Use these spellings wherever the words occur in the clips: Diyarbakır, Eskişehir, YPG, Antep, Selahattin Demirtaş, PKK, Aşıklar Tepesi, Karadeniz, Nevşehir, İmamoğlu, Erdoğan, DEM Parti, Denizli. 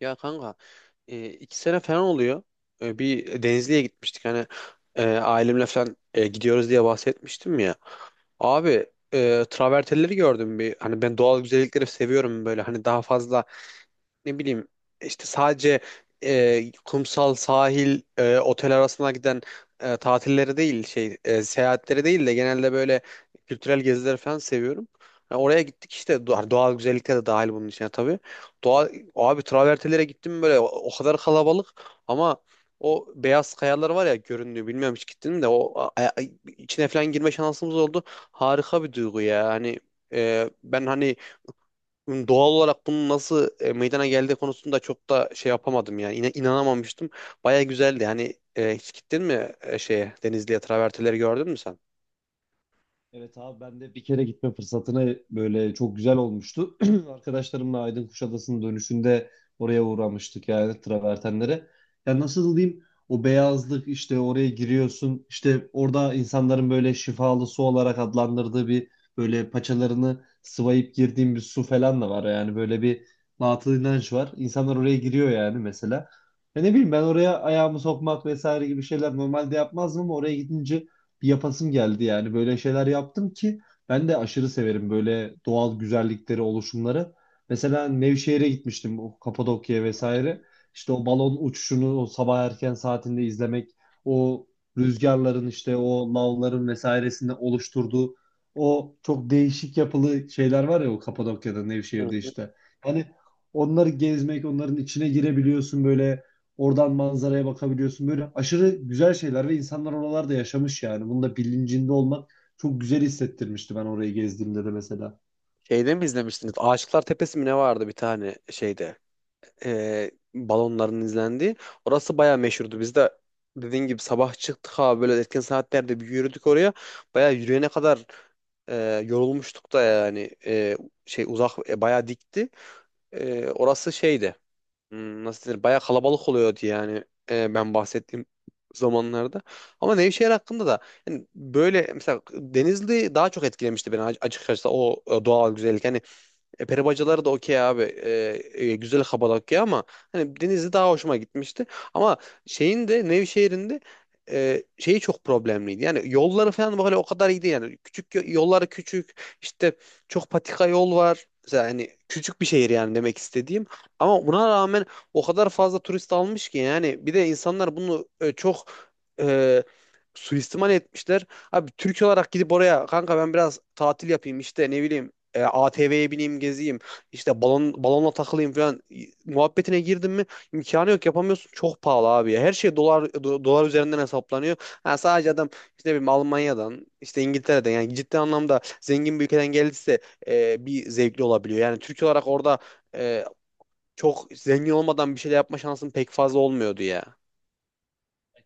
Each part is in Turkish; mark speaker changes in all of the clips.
Speaker 1: Ya kanka, 2 sene falan oluyor. Bir Denizli'ye gitmiştik hani ailemle falan gidiyoruz diye bahsetmiştim ya. Abi travertenleri gördüm bir hani, ben doğal güzellikleri seviyorum böyle, hani daha fazla, ne bileyim, işte sadece kumsal sahil otel arasına giden tatilleri değil, şey, seyahatleri değil de genelde böyle kültürel gezileri falan seviyorum. Ya oraya gittik işte, doğal güzellikler de dahil bunun içine tabii. Doğa, abi, travertenlere gittim böyle, o kadar kalabalık ama o beyaz kayalar var ya, göründüğü, bilmiyorum, hiç gittin mi? De içine falan girme şansımız oldu. Harika bir duygu ya. Ben hani doğal olarak bunun nasıl meydana geldiği konusunda çok da şey yapamadım, yani inanamamıştım. Baya güzeldi. Hani hiç gittin mi şeye, Denizli'ye, travertenleri gördün mü sen?
Speaker 2: Evet abi ben de bir kere gitme fırsatına böyle çok güzel olmuştu. Arkadaşlarımla Aydın Kuşadası'nın dönüşünde oraya uğramıştık yani travertenlere. Ya nasıl diyeyim, o beyazlık işte oraya giriyorsun, işte orada insanların böyle şifalı su olarak adlandırdığı bir, böyle paçalarını sıvayıp girdiğim bir su falan da var. Yani böyle bir batıl inanç var. İnsanlar oraya giriyor yani, mesela. Ya ne bileyim, ben oraya ayağımı sokmak vesaire gibi şeyler normalde yapmazdım ama oraya gidince bir yapasım geldi yani. Böyle şeyler yaptım ki ben de aşırı severim böyle doğal güzellikleri, oluşumları. Mesela Nevşehir'e gitmiştim, o Kapadokya'ya
Speaker 1: Evet.
Speaker 2: vesaire. İşte o balon uçuşunu o sabah erken saatinde izlemek, o rüzgarların işte o lavların vesairesinde oluşturduğu o çok değişik yapılı şeyler var ya o Kapadokya'da,
Speaker 1: Hı
Speaker 2: Nevşehir'de
Speaker 1: hı.
Speaker 2: işte. Yani onları gezmek, onların içine girebiliyorsun böyle. Oradan manzaraya bakabiliyorsun. Böyle aşırı güzel şeyler ve insanlar oralarda yaşamış yani. Bunun da bilincinde olmak çok güzel hissettirmişti ben orayı gezdiğimde de mesela.
Speaker 1: Şeyde mi izlemiştiniz? Aşıklar Tepesi mi ne vardı bir tane şeyde? Balonların izlendiği. Orası baya meşhurdu. Biz de dediğin gibi sabah çıktık abi, böyle erken saatlerde bir yürüdük oraya. Baya yürüyene kadar yorulmuştuk da, yani, şey uzak, bayağı dikti. Orası şeydi. Nasıl denir? Bayağı kalabalık oluyordu yani, ben bahsettiğim zamanlarda. Ama Nevşehir hakkında da, yani böyle mesela Denizli daha çok etkilemişti beni, açıkçası o doğal güzellik. Yani peri bacaları da okey abi. Güzel Kabala okey ama hani Denizli daha hoşuma gitmişti. Ama şeyin de, Nevşehir'in de şeyi çok problemliydi. Yani yolları falan böyle o kadar iyi değil. Yani küçük, yolları küçük. İşte çok patika yol var. Mesela hani küçük bir şehir, yani demek istediğim. Ama buna rağmen o kadar fazla turist almış ki, yani bir de insanlar bunu çok e, suistimal etmişler. Abi Türk olarak gidip oraya kanka, ben biraz tatil yapayım işte, ne bileyim, ATV'ye bineyim gezeyim, işte balonla takılayım falan, muhabbetine girdin mi imkanı yok, yapamıyorsun, çok pahalı abi ya. Her şey dolar, dolar üzerinden hesaplanıyor. Ha, sadece adam işte, ne bileyim, Almanya'dan, işte İngiltere'den, yani ciddi anlamda zengin bir ülkeden geldiyse bir zevkli olabiliyor. Yani Türk olarak orada e, çok zengin olmadan bir şeyler yapma şansın pek fazla olmuyordu ya.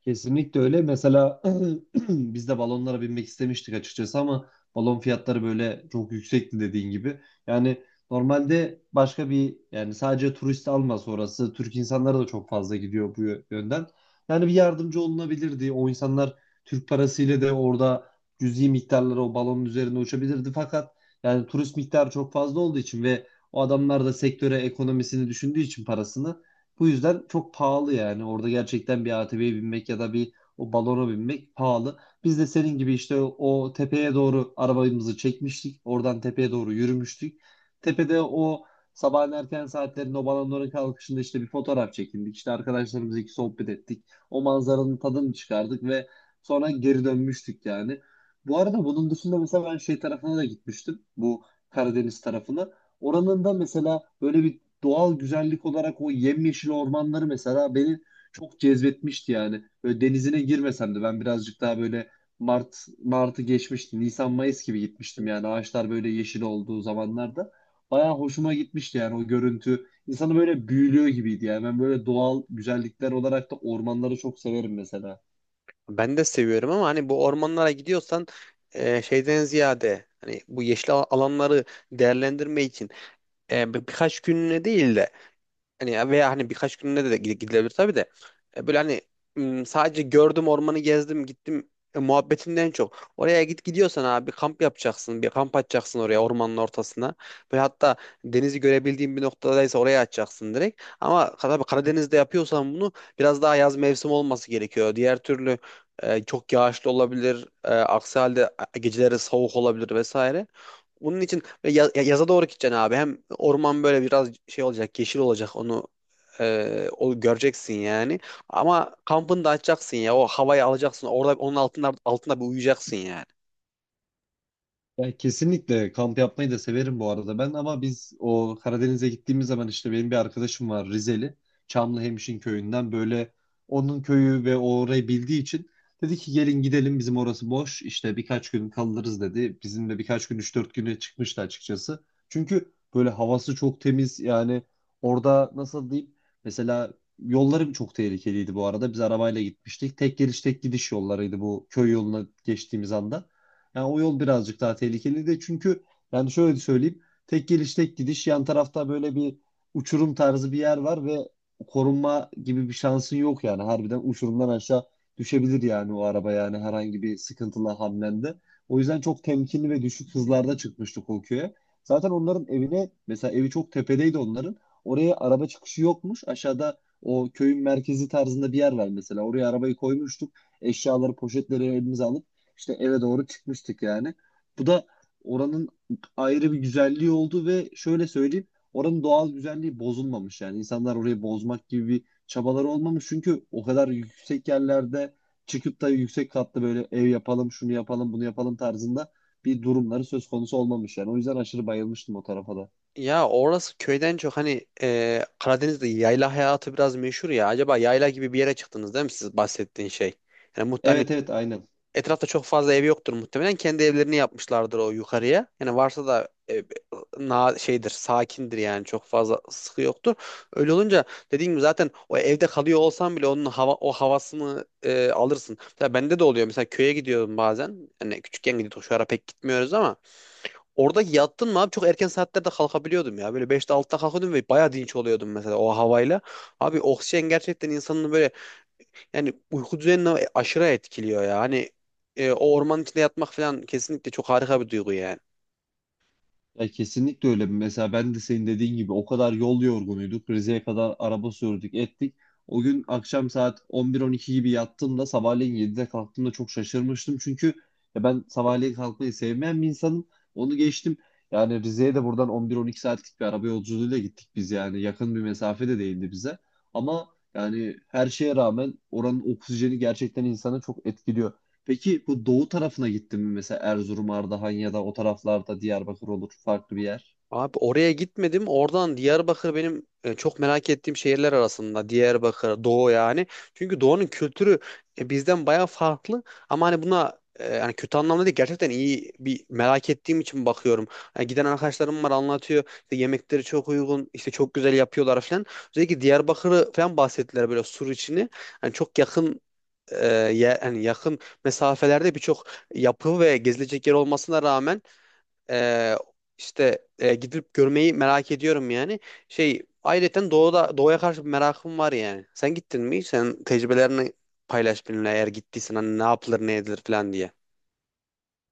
Speaker 2: Kesinlikle öyle. Mesela biz de balonlara binmek istemiştik açıkçası ama balon fiyatları böyle çok yüksekti dediğin gibi. Yani normalde başka bir, yani sadece turist almaz orası. Türk insanları da çok fazla gidiyor bu yönden. Yani bir yardımcı olunabilirdi. O insanlar Türk parasıyla de orada cüzi miktarları o balonun üzerinde uçabilirdi. Fakat yani turist miktarı çok fazla olduğu için ve o adamlar da sektöre ekonomisini düşündüğü için parasını, bu yüzden çok pahalı yani. Orada gerçekten bir ATV'ye binmek ya da bir o balona binmek pahalı. Biz de senin gibi işte o tepeye doğru arabamızı çekmiştik. Oradan tepeye doğru yürümüştük. Tepede o sabahın erken saatlerinde o balonların kalkışında işte bir fotoğraf çekindik. İşte arkadaşlarımızla iki sohbet ettik. O manzaranın tadını çıkardık ve sonra geri dönmüştük yani. Bu arada bunun dışında mesela ben şey tarafına da gitmiştim. Bu Karadeniz tarafına. Oranın da mesela böyle bir doğal güzellik olarak o yemyeşil ormanları mesela beni çok cezbetmişti yani. Böyle denizine girmesem de ben birazcık daha böyle Mart Mart'ı geçmişti. Nisan Mayıs gibi gitmiştim yani, ağaçlar böyle yeşil olduğu zamanlarda. Bayağı hoşuma gitmişti yani o görüntü. İnsanı böyle büyülüyor gibiydi yani. Ben böyle doğal güzellikler olarak da ormanları çok severim mesela.
Speaker 1: Ben de seviyorum ama hani bu ormanlara gidiyorsan şeyden ziyade, hani bu yeşil alanları değerlendirme için birkaç günlüğüne değil de, hani veya hani birkaç gününe de gidilebilir tabii de. Böyle hani, sadece gördüm ormanı, gezdim, gittim muhabbetinden çok. Oraya gidiyorsan abi kamp yapacaksın. Bir kamp açacaksın oraya, ormanın ortasına. Böyle hatta denizi görebildiğin bir noktadaysa oraya açacaksın direkt. Ama tabii Karadeniz'de yapıyorsan bunu, biraz daha yaz mevsim olması gerekiyor. Diğer türlü çok yağışlı olabilir. Aksi halde geceleri soğuk olabilir vesaire. Bunun için böyle yaza doğru gideceksin abi. Hem orman böyle biraz şey olacak, yeşil olacak. Onu o göreceksin yani. Ama kampını da açacaksın ya. O havayı alacaksın. Orada onun altında bir uyuyacaksın yani.
Speaker 2: Ya kesinlikle kamp yapmayı da severim bu arada ben, ama biz o Karadeniz'e gittiğimiz zaman işte benim bir arkadaşım var Rizeli. Çamlıhemşin köyünden, böyle onun köyü ve o orayı bildiği için dedi ki gelin gidelim, bizim orası boş işte birkaç gün kalırız dedi. Bizimle birkaç gün üç dört güne çıkmıştı açıkçası. Çünkü böyle havası çok temiz yani. Orada nasıl diyeyim, mesela yolları çok tehlikeliydi bu arada, biz arabayla gitmiştik. Tek geliş tek gidiş yollarıydı bu köy yoluna geçtiğimiz anda. Yani o yol birazcık daha tehlikeli de, çünkü yani şöyle söyleyeyim. Tek geliş tek gidiş, yan tarafta böyle bir uçurum tarzı bir yer var ve korunma gibi bir şansın yok yani. Harbiden uçurumdan aşağı düşebilir yani o araba, yani herhangi bir sıkıntıla hamlende. O yüzden çok temkinli ve düşük hızlarda çıkmıştık o köye. Zaten onların evine, mesela evi çok tepedeydi onların. Oraya araba çıkışı yokmuş. Aşağıda o köyün merkezi tarzında bir yer var mesela. Oraya arabayı koymuştuk. Eşyaları, poşetleri elimize alıp işte eve doğru çıkmıştık yani. Bu da oranın ayrı bir güzelliği oldu ve şöyle söyleyeyim, oranın doğal güzelliği bozulmamış yani. İnsanlar orayı bozmak gibi bir çabaları olmamış, çünkü o kadar yüksek yerlerde çıkıp da yüksek katlı böyle ev yapalım, şunu yapalım, bunu yapalım tarzında bir durumları söz konusu olmamış yani. O yüzden aşırı bayılmıştım o tarafa da.
Speaker 1: Ya orası köyden çok, hani Karadeniz'de yayla hayatı biraz meşhur ya. Acaba yayla gibi bir yere çıktınız değil mi siz bahsettiğin şey? Yani muhtemelen
Speaker 2: Evet, evet, aynen.
Speaker 1: etrafta çok fazla ev yoktur muhtemelen. Kendi evlerini yapmışlardır o yukarıya. Yani varsa da na şeydir, sakindir, yani çok fazla sıkı yoktur. Öyle olunca, dediğim gibi, zaten o evde kalıyor olsan bile onun hava, o havasını alırsın. Mesela bende de oluyor. Mesela köye gidiyorum bazen. Hani küçükken gidiyorduk, şu ara pek gitmiyoruz ama orada yattın mı abi çok erken saatlerde kalkabiliyordum ya. Böyle 5'te 6'da kalkıyordum ve bayağı dinç oluyordum mesela o havayla. Abi oksijen gerçekten insanın böyle, yani uyku düzenini aşırı etkiliyor ya. Hani o ormanın içinde yatmak falan kesinlikle çok harika bir duygu yani.
Speaker 2: Ya kesinlikle öyle. Mesela ben de senin dediğin gibi o kadar yol yorgunuyduk. Rize'ye kadar araba sürdük, ettik. O gün akşam saat 11-12 gibi yattığımda sabahleyin 7'de kalktığımda çok şaşırmıştım. Çünkü ya ben sabahleyin kalkmayı sevmeyen bir insanım. Onu geçtim. Yani Rize'ye de buradan 11-12 saatlik bir araba yolculuğuyla gittik biz yani. Yakın bir mesafe de değildi bize. Ama yani her şeye rağmen oranın oksijeni gerçekten insanı çok etkiliyor. Peki bu doğu tarafına gittin mi mesela Erzurum, Ardahan ya da o taraflarda Diyarbakır olur farklı bir yer?
Speaker 1: Abi oraya gitmedim. Oradan Diyarbakır benim çok merak ettiğim şehirler arasında. Diyarbakır, Doğu yani. Çünkü Doğu'nun kültürü bizden bayağı farklı. Ama hani buna yani kötü anlamda değil. Gerçekten iyi bir merak ettiğim için bakıyorum. Yani giden arkadaşlarım var, anlatıyor. İşte yemekleri çok uygun, işte çok güzel yapıyorlar falan. Özellikle Diyarbakır'ı falan bahsettiler, böyle sur içini. Yani çok yakın, e, hani yakın mesafelerde birçok yapı ve gezilecek yer olmasına rağmen e, gidip görmeyi merak ediyorum yani. Şey, ayrıca doğuda, doğuya karşı bir merakım var yani. Sen gittin mi? Sen tecrübelerini paylaş benimle, eğer gittiysen, hani ne yapılır, ne edilir falan diye.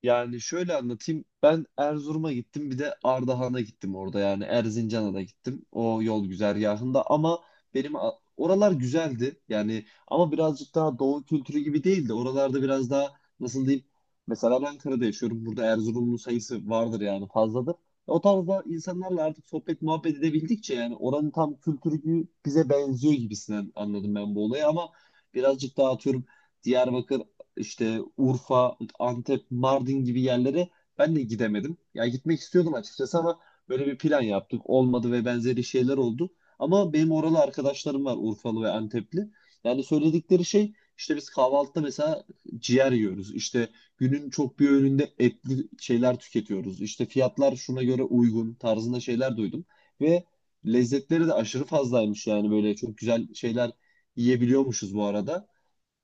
Speaker 2: Yani şöyle anlatayım. Ben Erzurum'a gittim, bir de Ardahan'a gittim, orada yani Erzincan'a da gittim o yol güzergahında ama benim, oralar güzeldi yani, ama birazcık daha doğu kültürü gibi değildi. Oralarda biraz daha nasıl diyeyim, mesela ben Ankara'da yaşıyorum, burada Erzurumlu sayısı vardır yani, fazladır. O tarzda insanlarla artık sohbet muhabbet edebildikçe yani oranın tam kültürü gibi bize benziyor gibisinden anladım ben bu olayı, ama birazcık daha atıyorum Diyarbakır, işte Urfa, Antep, Mardin gibi yerlere ben de gidemedim. Ya gitmek istiyordum açıkçası ama böyle bir plan yaptık, olmadı ve benzeri şeyler oldu. Ama benim oralı arkadaşlarım var, Urfalı ve Antepli. Yani söyledikleri şey, işte biz kahvaltıda mesela ciğer yiyoruz. İşte günün çok bir öğününde etli şeyler tüketiyoruz. İşte fiyatlar şuna göre uygun tarzında şeyler duydum. Ve lezzetleri de aşırı fazlaymış yani, böyle çok güzel şeyler yiyebiliyormuşuz bu arada.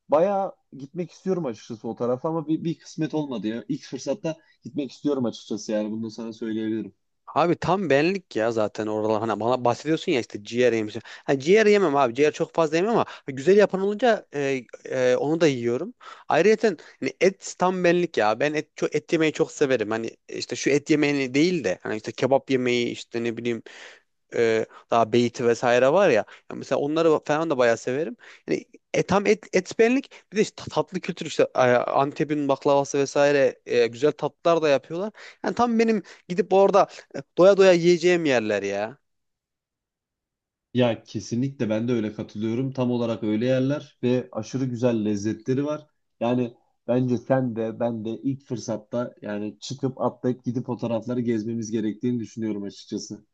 Speaker 2: Bayağı gitmek istiyorum açıkçası o tarafa, ama bir kısmet olmadı ya. İlk fırsatta gitmek istiyorum açıkçası yani, bunu da sana söyleyebilirim.
Speaker 1: Abi tam benlik ya, zaten oralar. Hani bana bahsediyorsun ya işte ciğer yemişim. Ha, ciğer yemem abi, ciğer çok fazla yemem ama güzel yapan olunca onu da yiyorum. Ayrıca, hani et tam benlik ya. Ben et, çok, et yemeyi çok severim. Hani işte şu et yemeğini değil de, hani işte kebap yemeği, işte ne bileyim, daha beyti vesaire var ya. Ya mesela onları falan da bayağı severim. Yani tam et, et benlik. Bir de işte tatlı kültür, işte Antep'in baklavası vesaire, güzel tatlılar da yapıyorlar. Yani tam benim gidip orada doya doya yiyeceğim yerler ya.
Speaker 2: Ya kesinlikle ben de öyle katılıyorum. Tam olarak öyle yerler ve aşırı güzel lezzetleri var. Yani bence sen de ben de ilk fırsatta yani çıkıp atlayıp gidip o tarafları gezmemiz gerektiğini düşünüyorum açıkçası.